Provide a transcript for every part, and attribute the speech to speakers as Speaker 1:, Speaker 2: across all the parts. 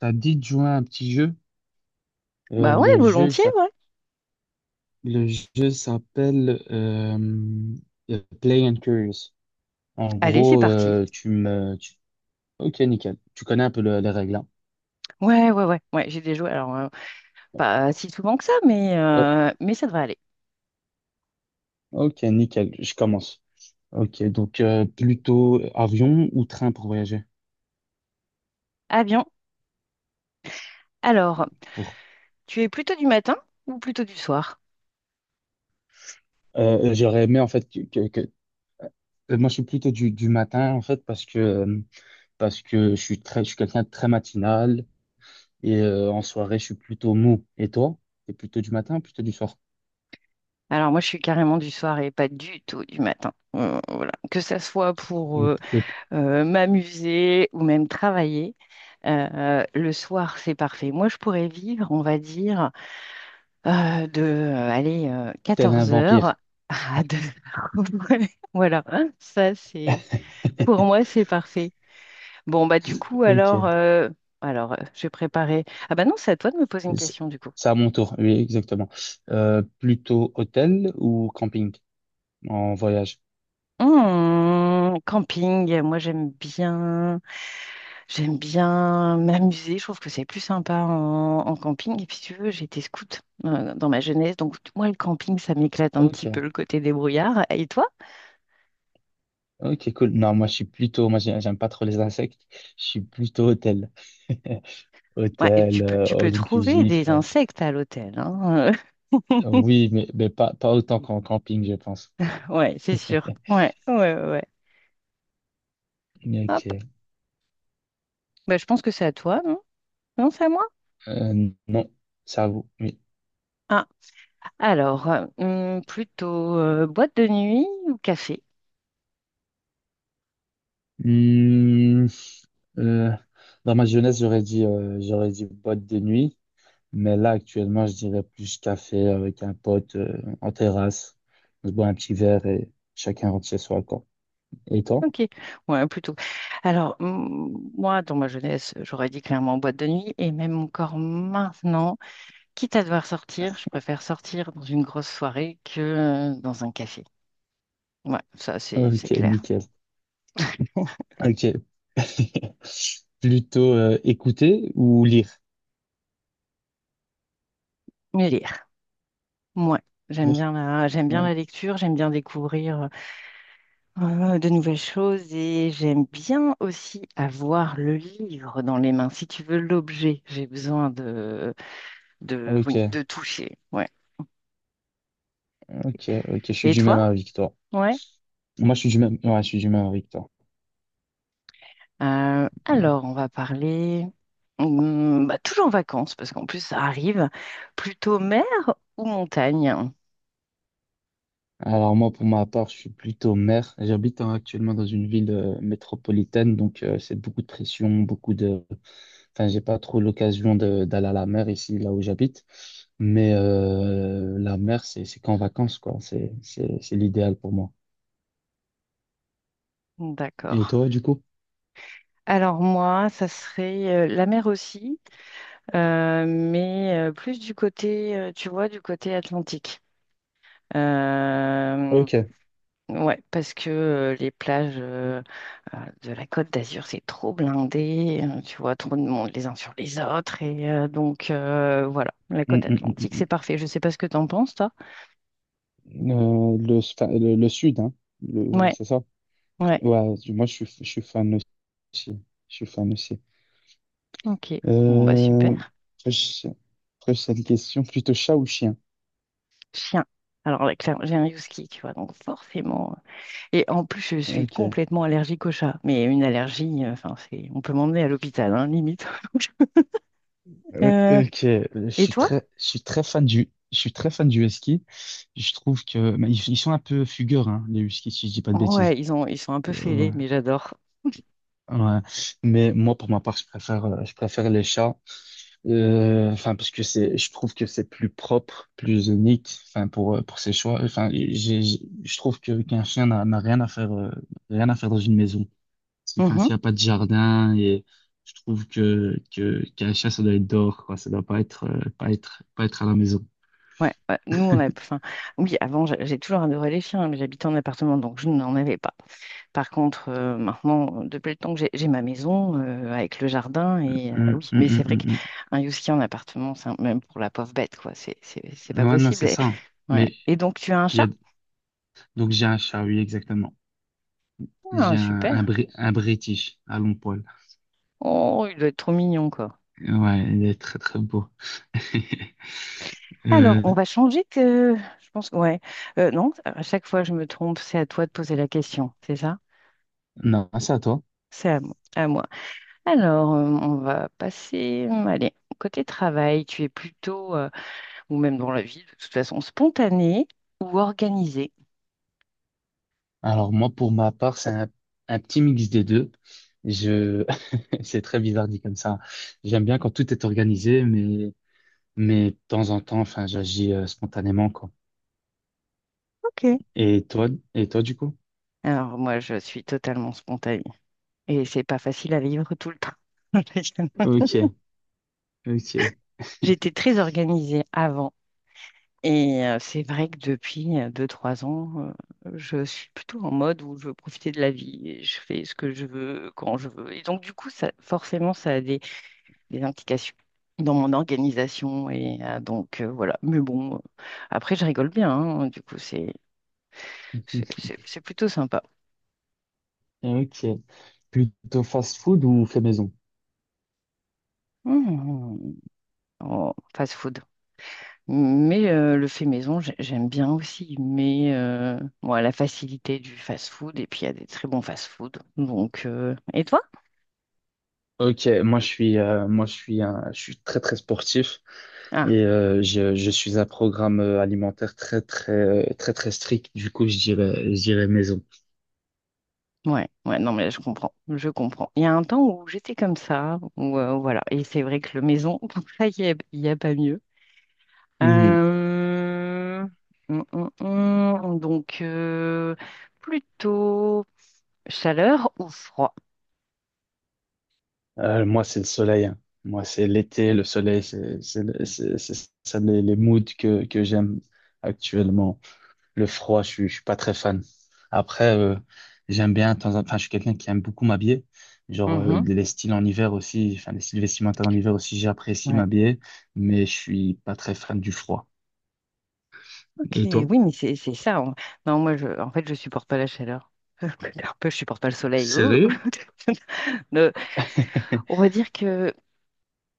Speaker 1: Ça dit de jouer à un petit jeu. Euh,
Speaker 2: Bah ouais,
Speaker 1: le jeu, il
Speaker 2: volontiers,
Speaker 1: s'app-
Speaker 2: ouais.
Speaker 1: le jeu s'appelle Play and Curious. En
Speaker 2: Allez, c'est
Speaker 1: gros,
Speaker 2: parti.
Speaker 1: Ok, nickel. Tu connais un peu les règles, hein.
Speaker 2: Ouais, ouais, ouais, ouais, j'ai des jouets. Alors, pas si souvent que ça, mais,
Speaker 1: Euh,
Speaker 2: euh, mais ça devrait aller.
Speaker 1: ok, nickel. Je commence. Ok, donc plutôt avion ou train pour voyager?
Speaker 2: Ah bien. Alors,
Speaker 1: Pour...
Speaker 2: tu es plutôt du matin ou plutôt du soir?
Speaker 1: J'aurais aimé, en fait, moi, je suis plutôt du matin, en fait, parce que je suis je suis quelqu'un de très matinal et en soirée, je suis plutôt mou. Et toi? T'es plutôt du matin ou plutôt du soir?
Speaker 2: Alors, moi, je suis carrément du soir et pas du tout du matin. Voilà. Que ça soit pour
Speaker 1: Ou- ou
Speaker 2: m'amuser ou même travailler, le soir, c'est parfait. Moi, je pourrais vivre, on va dire, de, allez,
Speaker 1: Tel un
Speaker 2: 14 heures
Speaker 1: vampire.
Speaker 2: à 2 heures. Voilà, ça, c'est. Pour moi, c'est parfait. Bon, bah du coup, alors,
Speaker 1: Ok.
Speaker 2: je vais préparer. Ah bah non, c'est à toi de me poser une
Speaker 1: C'est
Speaker 2: question du coup.
Speaker 1: c'est à mon tour. Oui, exactement. Plutôt hôtel ou camping en voyage?
Speaker 2: Hmm, camping, moi j'aime bien m'amuser. Je trouve que c'est plus sympa en camping. Et puis si tu veux, j'ai été scout dans ma jeunesse, donc moi le camping, ça m'éclate un petit peu
Speaker 1: Ok.
Speaker 2: le côté débrouillard. Et toi?
Speaker 1: Ok, cool. Non, moi, je suis plutôt. Moi, j'aime pas trop les insectes. Je suis plutôt hôtel.
Speaker 2: Ouais, et
Speaker 1: Hôtel,
Speaker 2: tu peux, tu peux
Speaker 1: all
Speaker 2: trouver
Speaker 1: inclusif.
Speaker 2: des insectes à l'hôtel, hein.
Speaker 1: Oui, mais pas autant qu'en camping, je pense.
Speaker 2: Ouais, c'est sûr. Ouais, ouais, ouais, ouais. Hop.
Speaker 1: Ok.
Speaker 2: Bah, je pense que c'est à toi, non? Non, c'est à moi?
Speaker 1: Non, ça vous. Oui.
Speaker 2: Ah, alors, plutôt boîte de nuit ou café?
Speaker 1: Hmm, euh, dans ma jeunesse, j'aurais dit boîte de nuit. Mais là, actuellement, je dirais plus café avec un pote en terrasse. On se boit un petit verre et chacun rentre chez soi, quoi. Et toi?
Speaker 2: Ok, ouais, plutôt. Alors, moi, dans ma jeunesse, j'aurais dit clairement boîte de nuit, et même encore maintenant, quitte à devoir sortir, je préfère sortir dans une grosse soirée que dans un café. Ouais, ça, c'est
Speaker 1: Ok,
Speaker 2: clair.
Speaker 1: nickel. Ok. Plutôt écouter ou lire?
Speaker 2: Mais lire, moi, j'aime
Speaker 1: Lire.
Speaker 2: bien la, j'aime bien
Speaker 1: Ouais.
Speaker 2: la lecture, j'aime bien découvrir de nouvelles choses, et j'aime bien aussi avoir le livre dans les mains. Si tu veux l'objet, j'ai besoin de, oui,
Speaker 1: Ok,
Speaker 2: de toucher. Ouais.
Speaker 1: ok. Je suis
Speaker 2: Et
Speaker 1: du même
Speaker 2: toi?
Speaker 1: avis que toi.
Speaker 2: Ouais.
Speaker 1: Moi, je suis du même, ouais, je suis du même avis que toi.
Speaker 2: Alors, on va parler bah, toujours en vacances, parce qu'en plus, ça arrive. Plutôt mer ou montagne?
Speaker 1: Alors moi, pour ma part, je suis plutôt maire. J'habite hein, actuellement dans une ville métropolitaine, donc c'est beaucoup de pression, beaucoup de. Enfin, j'ai pas trop l'occasion d'aller à la mer ici, là où j'habite. Mais la mer, c'est qu'en vacances, quoi. C'est l'idéal pour moi.
Speaker 2: D'accord.
Speaker 1: Et toi, du coup?
Speaker 2: Alors moi, ça serait la mer aussi, mais plus du côté, tu vois, du côté atlantique. Euh,
Speaker 1: Ok.
Speaker 2: Ouais, parce que les plages de la Côte d'Azur, c'est trop blindé, tu vois, trop de monde les uns sur les autres. Et donc, voilà, la
Speaker 1: Mm,
Speaker 2: côte
Speaker 1: mm,
Speaker 2: atlantique,
Speaker 1: mm,
Speaker 2: c'est parfait. Je sais pas ce que t'en penses, toi.
Speaker 1: mm. Enfin, le sud, hein.
Speaker 2: Ouais,
Speaker 1: C'est ça?
Speaker 2: ouais,
Speaker 1: Ouais, moi, je suis fan aussi. Je suis fan aussi.
Speaker 2: ok. Bon, bah super.
Speaker 1: Euh, après, je- après, c'est une question plutôt chat ou chien?
Speaker 2: Chien. Alors là, clairement, j'ai un husky, tu vois, donc forcément. Et en plus, je suis
Speaker 1: Ok.
Speaker 2: complètement allergique au chat. Mais une allergie, enfin, c'est, on peut m'emmener à l'hôpital, hein, limite.
Speaker 1: Euh,
Speaker 2: Euh,
Speaker 1: Ok,
Speaker 2: et toi?
Speaker 1: je suis très fan je suis très fan du husky. Je trouve que mais ils sont un peu fugueurs, hein, les huskies, si je dis pas de
Speaker 2: Ouais,
Speaker 1: bêtises.
Speaker 2: ils sont un peu
Speaker 1: Et,
Speaker 2: fêlés, mais j'adore.
Speaker 1: ouais. Mais moi, pour ma part, je préfère les chats. Enfin, parce que c'est, je trouve que c'est plus propre, plus unique. Enfin, pour ses choix. Enfin, je trouve que qu'un chien n'a rien à faire, rien à faire dans une maison. Parce que, enfin, s'il n'y a pas de jardin, et je trouve qu'à la chasse, ça doit être dehors, quoi. Ça doit pas être, pas être à la maison.
Speaker 2: Ouais, ouais. nous on a, enfin, oui, avant j'ai toujours adoré les chiens, hein, mais j'habitais en appartement, donc je n'en avais pas. Par contre, maintenant, depuis le temps que j'ai ma maison avec le jardin, et
Speaker 1: Hum,
Speaker 2: oui,
Speaker 1: hum,
Speaker 2: mais c'est vrai
Speaker 1: hum, hum,
Speaker 2: qu'un husky en appartement, même pour la pauvre bête, quoi, c'est pas
Speaker 1: Ouais, non,
Speaker 2: possible.
Speaker 1: c'est
Speaker 2: Et,
Speaker 1: ça. Hein.
Speaker 2: ouais.
Speaker 1: Mais
Speaker 2: Et donc tu as un
Speaker 1: il y
Speaker 2: chat?
Speaker 1: a, donc j'ai un chat, oui, exactement.
Speaker 2: Ah,
Speaker 1: J'ai
Speaker 2: super.
Speaker 1: Un British à long poil.
Speaker 2: Oh, il doit être trop mignon, quoi.
Speaker 1: Ouais, il est très, très beau.
Speaker 2: Alors,
Speaker 1: Euh,
Speaker 2: on va changer que, je pense, ouais. Non, à chaque fois je me trompe, c'est à toi de poser la question, c'est ça?
Speaker 1: non, c'est à toi.
Speaker 2: C'est à moi. À moi. Alors, on va passer, allez, côté travail, tu es plutôt, ou même dans la vie, de toute façon, spontanée ou organisée?
Speaker 1: Alors, moi, pour ma part, un petit mix des deux. Je, c'est très bizarre dit comme ça. J'aime bien quand tout est organisé, mais de temps en temps, enfin, j'agis spontanément, quoi.
Speaker 2: Ok.
Speaker 1: Et toi, du coup?
Speaker 2: Alors, moi, je suis totalement spontanée et c'est pas facile à vivre tout le temps.
Speaker 1: Ok, ok,
Speaker 2: J'étais très organisée avant et c'est vrai que depuis 2, 3 ans, je suis plutôt en mode où je veux profiter de la vie et je fais ce que je veux quand je veux. Et donc, du coup, ça, forcément, ça a des indications dans mon organisation. Et donc, voilà. Mais bon, après, je rigole bien, hein. Du coup, c'est c'est- c'est- c'est plutôt sympa.
Speaker 1: ok. Plutôt fast-food ou fait maison?
Speaker 2: Mmh. mmh, mmh. Oh, fast food. Mais le fait maison, j'aime bien aussi. Mais moi, la facilité du fast food, et puis il y a des très bons fast food. Donc, et toi?
Speaker 1: Ok, moi je suis, un, je suis très très sportif et
Speaker 2: Ah,
Speaker 1: je suis un programme alimentaire très très très très strict. Du coup, je dirais maison.
Speaker 2: ouais, ouais, non, mais là, je comprends. Je comprends. Il y a un temps où j'étais comme ça, où voilà. Et c'est vrai que le maison, il n'y a, il y a pas mieux.
Speaker 1: Mhm.
Speaker 2: Euh, donc, plutôt chaleur ou froid?
Speaker 1: Moi, c'est le soleil. Hein. Moi, c'est l'été, le soleil, c'est ça les moods que j'aime actuellement. Le froid, je suis pas très fan. Après, j'aime bien, enfin, je suis quelqu'un qui aime beaucoup m'habiller. Genre,
Speaker 2: Mhm,
Speaker 1: les styles en hiver aussi, enfin, les styles vestimentaires en hiver aussi, j'apprécie
Speaker 2: ouais.
Speaker 1: m'habiller, mais je suis pas très fan du froid.
Speaker 2: Ok,
Speaker 1: Et toi?
Speaker 2: oui, mais c'est ça. Non, moi, je, en fait, je supporte pas la chaleur. Un peu, je supporte pas le soleil. Ouh.
Speaker 1: Sérieux?
Speaker 2: Le- on va dire que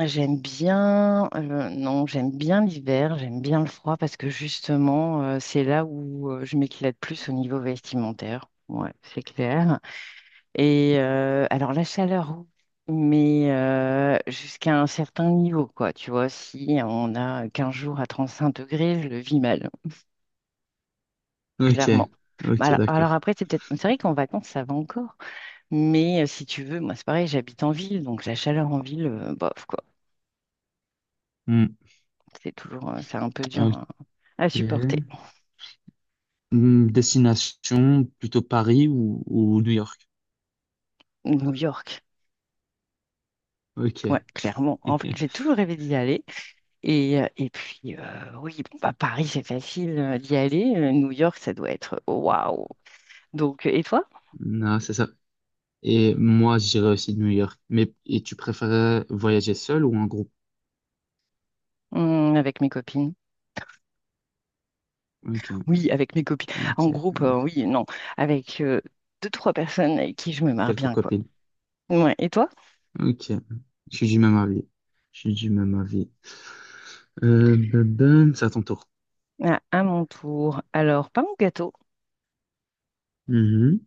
Speaker 2: j'aime bien, non, j'aime bien l'hiver, j'aime bien le froid parce que justement, c'est là où je m'éclate plus au niveau vestimentaire. Ouais, c'est clair. Et alors la chaleur, oui, mais jusqu'à un certain niveau, quoi. Tu vois, si on a 15 jours à 35 degrés, je le vis mal,
Speaker 1: Ok,
Speaker 2: clairement.
Speaker 1: ok,
Speaker 2: Bah, alors
Speaker 1: d'accord.
Speaker 2: après, c'est peut-être, c'est vrai qu'en vacances, ça va encore. Mais si tu veux, moi, c'est pareil, j'habite en ville, donc la chaleur en ville, bof, quoi.
Speaker 1: Hmm,
Speaker 2: C'est toujours, c'est un peu dur à,
Speaker 1: ok.
Speaker 2: à supporter.
Speaker 1: Destination, plutôt Paris ou New York?
Speaker 2: New York. Ouais,
Speaker 1: Ok.
Speaker 2: clairement. En fait, j'ai toujours rêvé d'y aller. Et puis, oui, bon, bah, Paris, c'est facile d'y aller. New York, ça doit être waouh! Donc, et toi?
Speaker 1: Non, c'est ça. Et moi, j'irais aussi de New York. Mais et tu préférais voyager seul ou en groupe?
Speaker 2: Avec mes copines.
Speaker 1: Ok.
Speaker 2: Oui, avec mes copines.
Speaker 1: Ok,
Speaker 2: En groupe,
Speaker 1: ok.
Speaker 2: oui, non. Avec deux, trois personnes avec qui je me marre
Speaker 1: Quelques
Speaker 2: bien, quoi.
Speaker 1: copines.
Speaker 2: Ouais. Et toi?
Speaker 1: Ok. Je suis du même avis. Je suis du même avis. Ben, c'est à ton tour.
Speaker 2: Ah, à mon tour. Alors, pain ou gâteau?
Speaker 1: Mhm.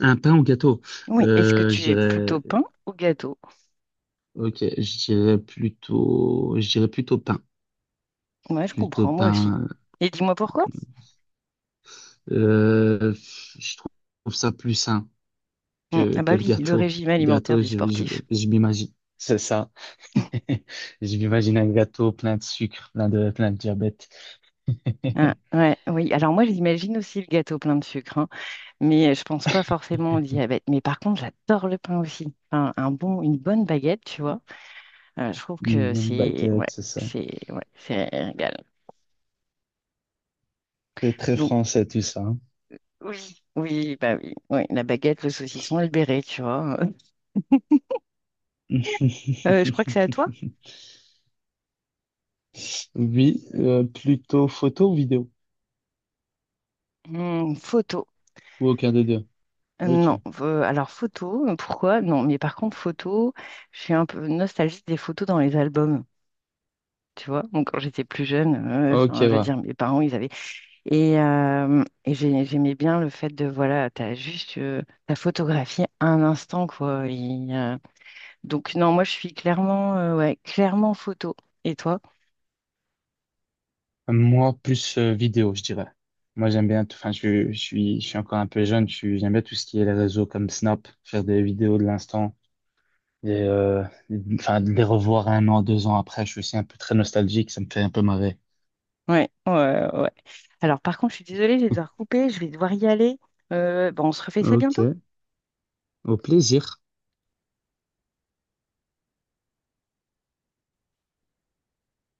Speaker 1: Un pain ou gâteau?
Speaker 2: Oui. Est-ce que
Speaker 1: Euh,
Speaker 2: tu
Speaker 1: je
Speaker 2: es plutôt
Speaker 1: dirais,
Speaker 2: pain ou gâteau?
Speaker 1: ok, je dirais je dirais plutôt pain.
Speaker 2: Ouais, je
Speaker 1: Plutôt
Speaker 2: comprends, moi aussi.
Speaker 1: pain.
Speaker 2: Et dis-moi pourquoi?
Speaker 1: Euh, je trouve ça plus sain
Speaker 2: Ah
Speaker 1: que
Speaker 2: bah
Speaker 1: le
Speaker 2: oui, le
Speaker 1: gâteau.
Speaker 2: régime
Speaker 1: Le
Speaker 2: alimentaire
Speaker 1: gâteau,
Speaker 2: du sportif.
Speaker 1: je m'imagine. C'est ça. Je m'imagine un gâteau plein de sucre, plein de diabète.
Speaker 2: Ah, ouais, oui. Alors moi, j'imagine aussi le gâteau plein de sucre, hein, mais je pense pas forcément au diabète. Mais par contre, j'adore le pain aussi. Enfin, un bon, une bonne baguette, tu vois. Je trouve
Speaker 1: Une
Speaker 2: que
Speaker 1: bonne
Speaker 2: c'est ouais,
Speaker 1: baguette, c'est ça.
Speaker 2: c'est ouais, c'est un régal.
Speaker 1: C'est très
Speaker 2: Donc
Speaker 1: français tout ça. Hein.
Speaker 2: oui, oui, bah oui, ouais, la baguette, le saucisson et le béret, tu vois. Je crois que c'est à toi.
Speaker 1: Oui, plutôt photo ou vidéo?
Speaker 2: Hmm, photo.
Speaker 1: Ou aucun des deux? Ok.
Speaker 2: Non, alors photo, pourquoi? Non, mais par contre photo, je suis un peu nostalgique des photos dans les albums, tu vois. Donc quand j'étais plus jeune,
Speaker 1: Ok,
Speaker 2: enfin, je veux
Speaker 1: ouais.
Speaker 2: dire, mes parents, ils avaient et, j'aimais bien le fait de voilà, t'as juste t'as photographié un instant quoi. Donc non, moi je suis clairement, ouais, clairement photo. Et toi?
Speaker 1: Moi, plus vidéo, je dirais. Moi, j'aime bien tout. Enfin, je suis encore un peu jeune. Je suis, j'aime bien tout ce qui est les réseaux comme Snap, faire des vidéos de l'instant et enfin, de les revoir 1 an, 2 ans après. Je suis aussi un peu très nostalgique. Ça me fait un peu marrer.
Speaker 2: Ouais, ouais, ouais. Alors par contre, je suis désolée, je vais devoir couper, je vais devoir y aller. Bon, on se refait ça bientôt.
Speaker 1: Ok, au plaisir.